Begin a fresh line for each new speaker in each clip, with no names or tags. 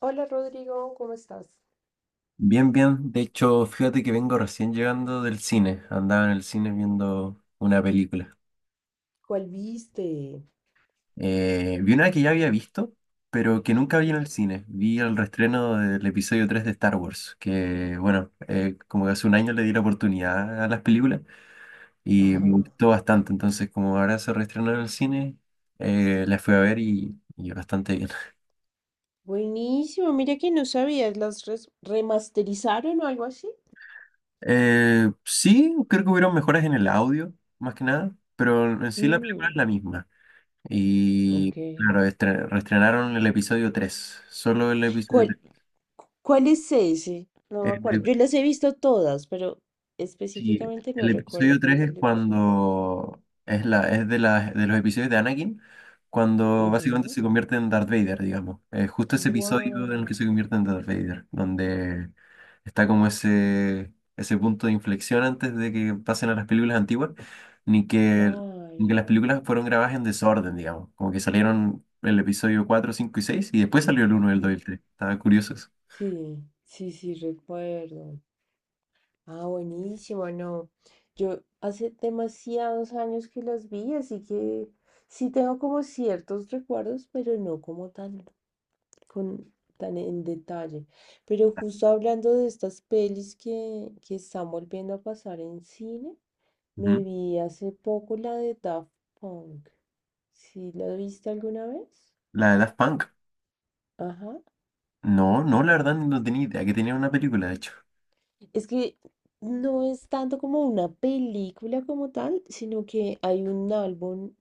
Hola Rodrigo, ¿cómo estás?
Bien, bien. De hecho, fíjate que vengo recién llegando del cine. Andaba en el cine viendo una película.
¿Cuál viste?
Vi una que ya había visto, pero que nunca vi en el cine. Vi el reestreno del episodio 3 de Star Wars, que bueno, como que hace un año le di la oportunidad a las películas y
Ajá.
me gustó bastante. Entonces, como ahora se reestrenó en el cine, la fui a ver y bastante bien.
Buenísimo, mira que no sabías, las remasterizaron o algo así.
Sí, creo que hubieron mejoras en el audio, más que nada, pero en sí la película es
Mm,
la misma. Y
ok.
claro, reestrenaron el episodio 3 solo el episodio
¿Cuál, Cuál es ese? No me acuerdo.
3.
Yo las he visto todas, pero
Sí,
específicamente no
el episodio
recuerdo cuál
3
es
es
el episodio.
cuando es la es de las de los episodios de Anakin cuando básicamente se convierte en Darth Vader, digamos. Justo ese episodio en el que
Wow,
se convierte en Darth Vader, donde está como ese punto de inflexión antes de que pasen a las películas antiguas, ni que ni que
claro.
las películas fueron grabadas en desorden, digamos, como que salieron el episodio 4, 5 y 6 y después salió el uno, el 2 y
Mm.
el 3. Estaba curioso eso.
Sí, sí, sí, recuerdo. Ah, buenísimo, no. Yo hace demasiados años que las vi, así que sí tengo como ciertos recuerdos, pero no como tan, con, tan en detalle. Pero justo hablando de estas pelis que están volviendo a pasar en cine, me
Ujú.
vi hace poco la de Daft Punk. ¿Sí la viste alguna vez?
La de Daft Punk.
Ajá.
No, no, la verdad no tenía idea que tenía una película, de hecho.
Es que no es tanto como una película como tal, sino que hay un álbum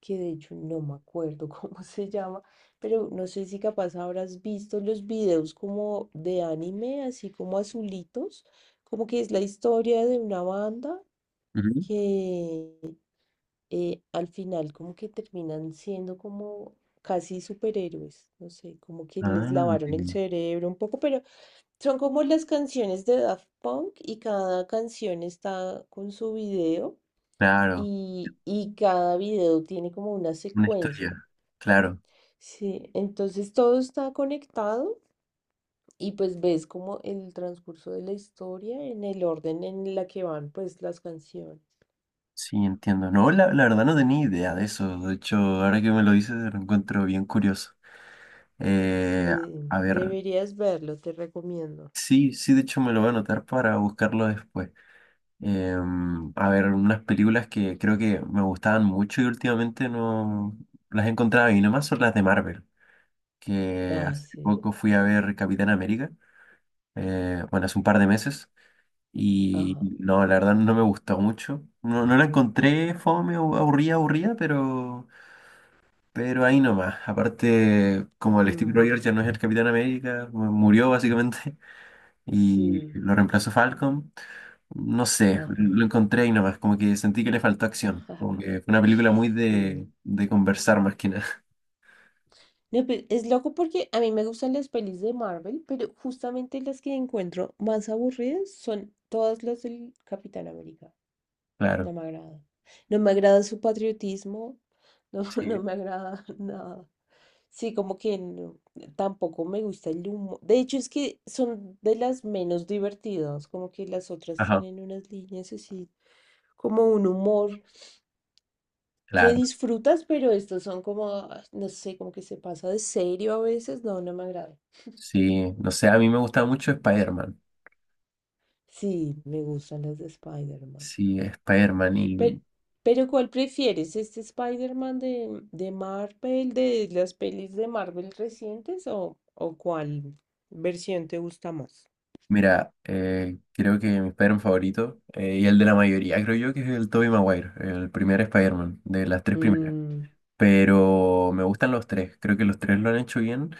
que de hecho no me acuerdo cómo se llama, pero no sé si capaz habrás visto los videos como de anime, así como azulitos, como que es la historia de una banda
Ujú.
que al final como que terminan siendo como casi superhéroes, no sé, como que les
Ah,
lavaron el
entiendo.
cerebro un poco, pero son como las canciones de Daft Punk y cada canción está con su video.
Claro,
Y cada video tiene como una
una
secuencia.
historia, claro,
Sí, entonces todo está conectado y pues ves como el transcurso de la historia en el orden en la que van pues las canciones.
sí, entiendo. No, la verdad no tenía idea de eso, de hecho, ahora que me lo dices lo encuentro bien curioso. Eh,
Sí,
a ver,
deberías verlo, te recomiendo.
sí, sí, de hecho me lo voy a anotar para buscarlo después. A ver, unas películas que creo que me gustaban mucho y últimamente no las encontraba y nomás son las de Marvel, que
Ah,
hace
sí,
poco fui a ver Capitán América, bueno, hace un par de meses. Y
ajá.
no, la verdad no me gustó mucho. No, no la encontré fome o aburrida, aburrida, pero ahí nomás. Aparte, como el Steve
Mm,
Rogers ya no es el Capitán América, murió básicamente y
sí,
lo reemplazó Falcon. No sé,
ajá.
lo encontré ahí nomás, como que sentí que le faltó acción. Como que fue una película muy
Sí.
de conversar más que nada.
No, pero es loco porque a mí me gustan las pelis de Marvel, pero justamente las que encuentro más aburridas son todas las del Capitán América.
Claro,
No me agrada. No me agrada su patriotismo. No,
sí.
no me agrada nada. Sí, como que tampoco me gusta el humo. De hecho, es que son de las menos divertidas. Como que las otras
Ajá,
tienen unas líneas así, como un humor que
claro.
disfrutas, pero estos son como, ah, no sé, como que se pasa de serio a veces. No, no me agrada.
Sí, no sé, a mí me gustaba mucho Spider-Man.
Sí, me gustan las de Spider-Man.
Sí, Spider-Man y
Pe- Pero, ¿cuál prefieres? ¿Este Spider-Man de Marvel, de las pelis de Marvel recientes o cuál versión te gusta más?
Mira, creo que mi Spider-Man favorito, y el de la mayoría, creo yo que es el Tobey Maguire, el primer Spider-Man, de las tres primeras.
Mm,
Pero me gustan los tres, creo que los tres lo han hecho bien.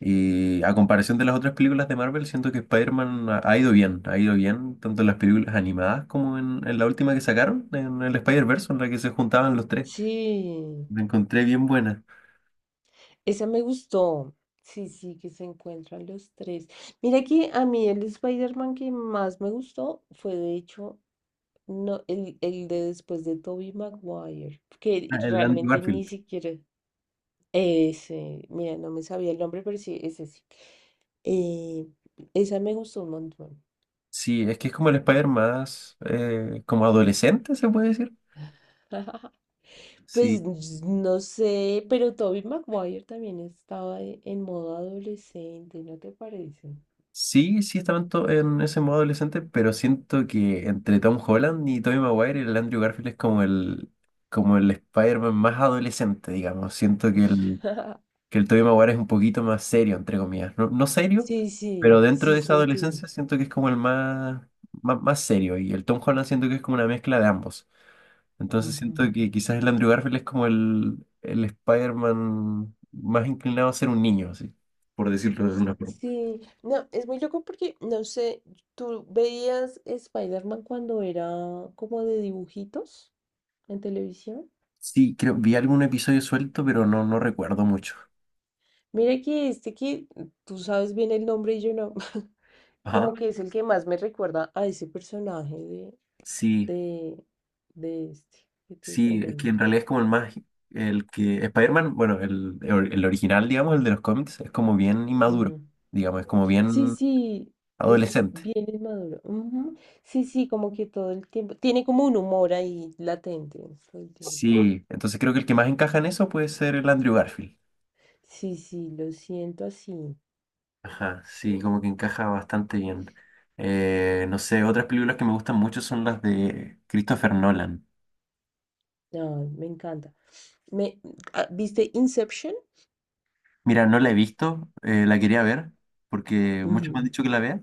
Y a comparación de las otras películas de Marvel, siento que Spider-Man ha ido bien, ha ido bien, tanto en las películas animadas como en la última que sacaron, en el Spider-Verse, en la que se juntaban los tres.
sí,
La encontré bien buena.
esa me gustó. Sí, sí, que se encuentran los tres. Mira que a mí el Spider-Man que más me gustó fue de hecho no, el de después de Tobey Maguire, que
Ah, el Andrew
realmente ni
Garfield.
siquiera... Ese, mira, no me sabía el nombre, pero sí, ese sí. Eh, Esa me gustó un montón.
Sí, es que es como el Spider más, como adolescente, se puede decir.
Pues
Sí,
no sé, pero Toby Maguire también estaba en modo adolescente, ¿no te parece?
Sí, sí estaban en ese modo adolescente, pero siento que entre Tom Holland y Tobey Maguire, el Andrew Garfield es como el, Spider-Man más adolescente, digamos. Siento que el, que el Tobey Maguire es un poquito más serio, entre comillas. No, no serio,
Sí,
pero
sí,
dentro de
sí
esa
sentí.
adolescencia siento que es como el más, más, más serio. Y el Tom Holland siento que es como una mezcla de ambos. Entonces
Ujú.
siento que quizás el Andrew Garfield es como el Spider-Man más inclinado a ser un niño, así, por decirlo de una forma.
Sí, no, es muy loco porque, no sé, ¿tú veías Spider-Man cuando era como de dibujitos en televisión?
Sí, creo, vi algún episodio suelto, pero no, no recuerdo mucho.
Mira que este que tú sabes bien el nombre y yo no.
Ajá.
Como que es el que más me recuerda a ese personaje de,
Sí,
de, de este que te
sí, es que en
comento.
realidad es como el más, el que, Spider-Man, bueno, el original, digamos, el de los cómics, es como bien inmaduro,
Ujú.
digamos, es como
Sí,
bien
sí, es
adolescente.
bien inmaduro. Ujú. Sí, sí, como que todo el tiempo. Tiene como un humor ahí latente todo el tiempo.
Sí, entonces creo que el que más encaja en eso puede ser el Andrew Garfield.
Sí, sí, lo siento así.
Ajá, sí, como que encaja bastante bien. No sé, otras películas que me gustan mucho son las de Christopher Nolan.
Ay, me encanta. Me, ah, ¿viste Inception?
Mira, no la he visto, la quería ver, porque muchos me han
Ujú.
dicho que la vea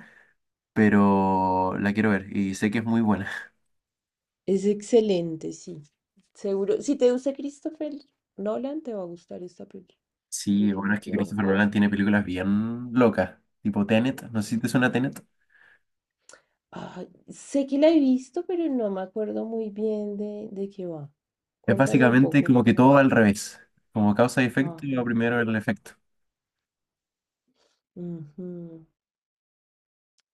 pero la quiero ver y sé que es muy buena.
Es excelente, sí. Seguro. Si te gusta Christopher Nolan, te va a gustar esta película,
Sí, bueno, es que Christopher
definitivamente.
Nolan tiene películas bien locas, tipo Tenet, no sé si te suena Tenet.
Ah, sé que la he visto, pero no me acuerdo muy bien de qué va.
Es
Cuéntame un
básicamente
poco
como que
para...
todo va al revés, como causa y efecto, y lo
Ajá.
primero el efecto.
Ujú.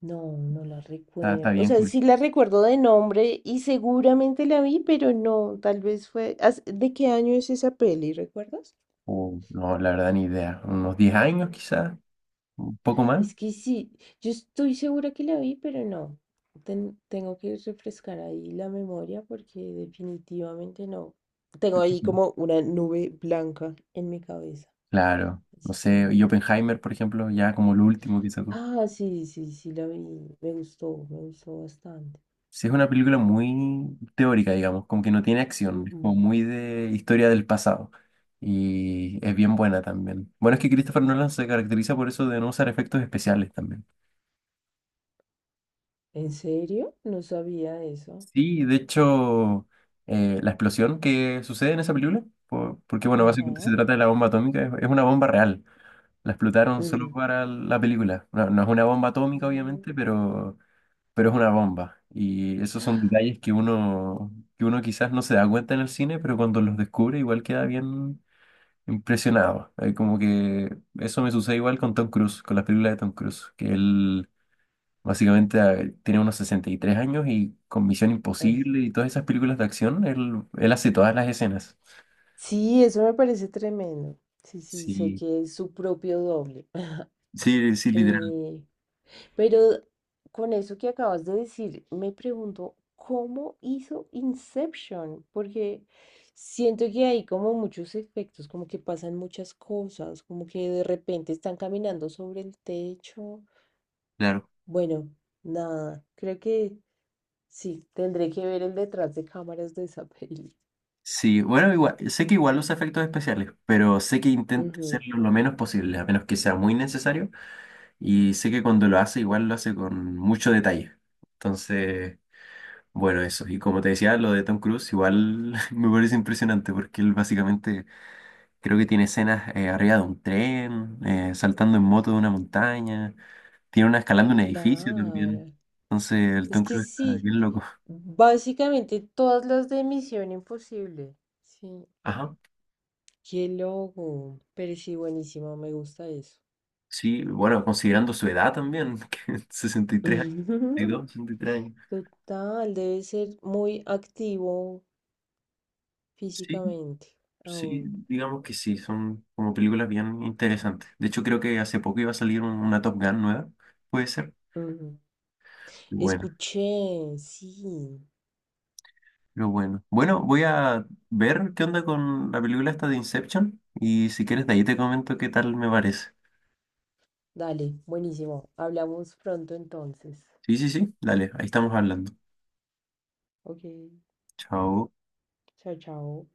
No, no la
Está
recuerdo. O
bien
sea, sí
curioso.
la recuerdo de nombre y seguramente la vi, pero no, tal vez fue... ¿De qué año es esa peli, recuerdas?
O, no, la verdad ni idea, unos 10 años quizás, un poco más.
Es que sí, yo estoy segura que la vi, pero no. Tengo que refrescar ahí la memoria porque definitivamente no. Tengo ahí
Ujú.
como una nube blanca en mi cabeza.
Claro, no
Así
sé,
que...
y Oppenheimer, por ejemplo, ya como lo último quizás.
Ah, sí, sí, sí, la vi. Me gustó bastante.
Sí, es una película muy teórica, digamos, como que no tiene acción, es
Ujú.
como muy de historia del pasado. Y es bien buena también. Bueno, es que Christopher Nolan se caracteriza por eso de no usar efectos especiales también.
¿En serio? No sabía eso.
Sí, de hecho, la explosión que sucede en esa película, porque bueno, básicamente se
Ajá.
trata de la bomba atómica, es una bomba real. La explotaron solo
Ujú.
para la película. No, no es una bomba atómica,
Mm,
obviamente, pero es una bomba. Y esos son detalles que uno quizás no se da cuenta en el cine, pero cuando los descubre igual queda bien impresionado. Como que eso me sucede igual con Tom Cruise, con las películas de Tom Cruise, que él básicamente tiene unos 63 años y con Misión
así.
Imposible
Sí,
y todas esas películas de acción, él hace todas las escenas.
sí, eso me parece tremendo. Sí, sí, sé
Sí,
que es su propio doble.
sí, sí, literal,
Eh, pero con eso que acabas de decir, me pregunto, ¿cómo hizo Inception? Porque siento que hay como muchos efectos, como que pasan muchas cosas, como que de repente están caminando sobre el techo.
claro.
Bueno, nada, creo que sí, tendré que ver el detrás de cámaras de esa peli.
Sí, bueno, igual, sé que igual los efectos especiales, pero sé que intenta
Ujú.
hacerlo lo menos posible, a menos que sea muy necesario. Y sé que cuando lo hace, igual lo hace con mucho detalle. Entonces, bueno, eso. Y como te decía, lo de Tom Cruise, igual me parece impresionante porque él básicamente creo que tiene escenas arriba de un tren, saltando en moto de una montaña, tiene una escalando un edificio también.
Claro,
Entonces, el
es
Tom
que
Cruise está
sí,
bien loco.
básicamente todas las de Misión Imposible, sí.
Ajá.
Qué loco, pero sí, buenísimo, me gusta eso.
Sí, bueno, considerando su edad también, que 63 años, sesenta sesenta y dos sesenta y tres años.
Total, debe ser muy activo
Sí,
físicamente
Sí,
aún.
digamos que sí, son como películas bien interesantes. De hecho, creo que hace poco iba a salir una Top Gun nueva, puede ser.
Ujú.
Y bueno,
Escuché, sí.
pero bueno. Bueno, voy a ver qué onda con la película esta de Inception y si quieres de ahí te comento qué tal me parece.
Dale, buenísimo. Hablamos pronto entonces.
Sí, sí, sí, dale, ahí estamos hablando.
Ok,
Chao.
chao, chao.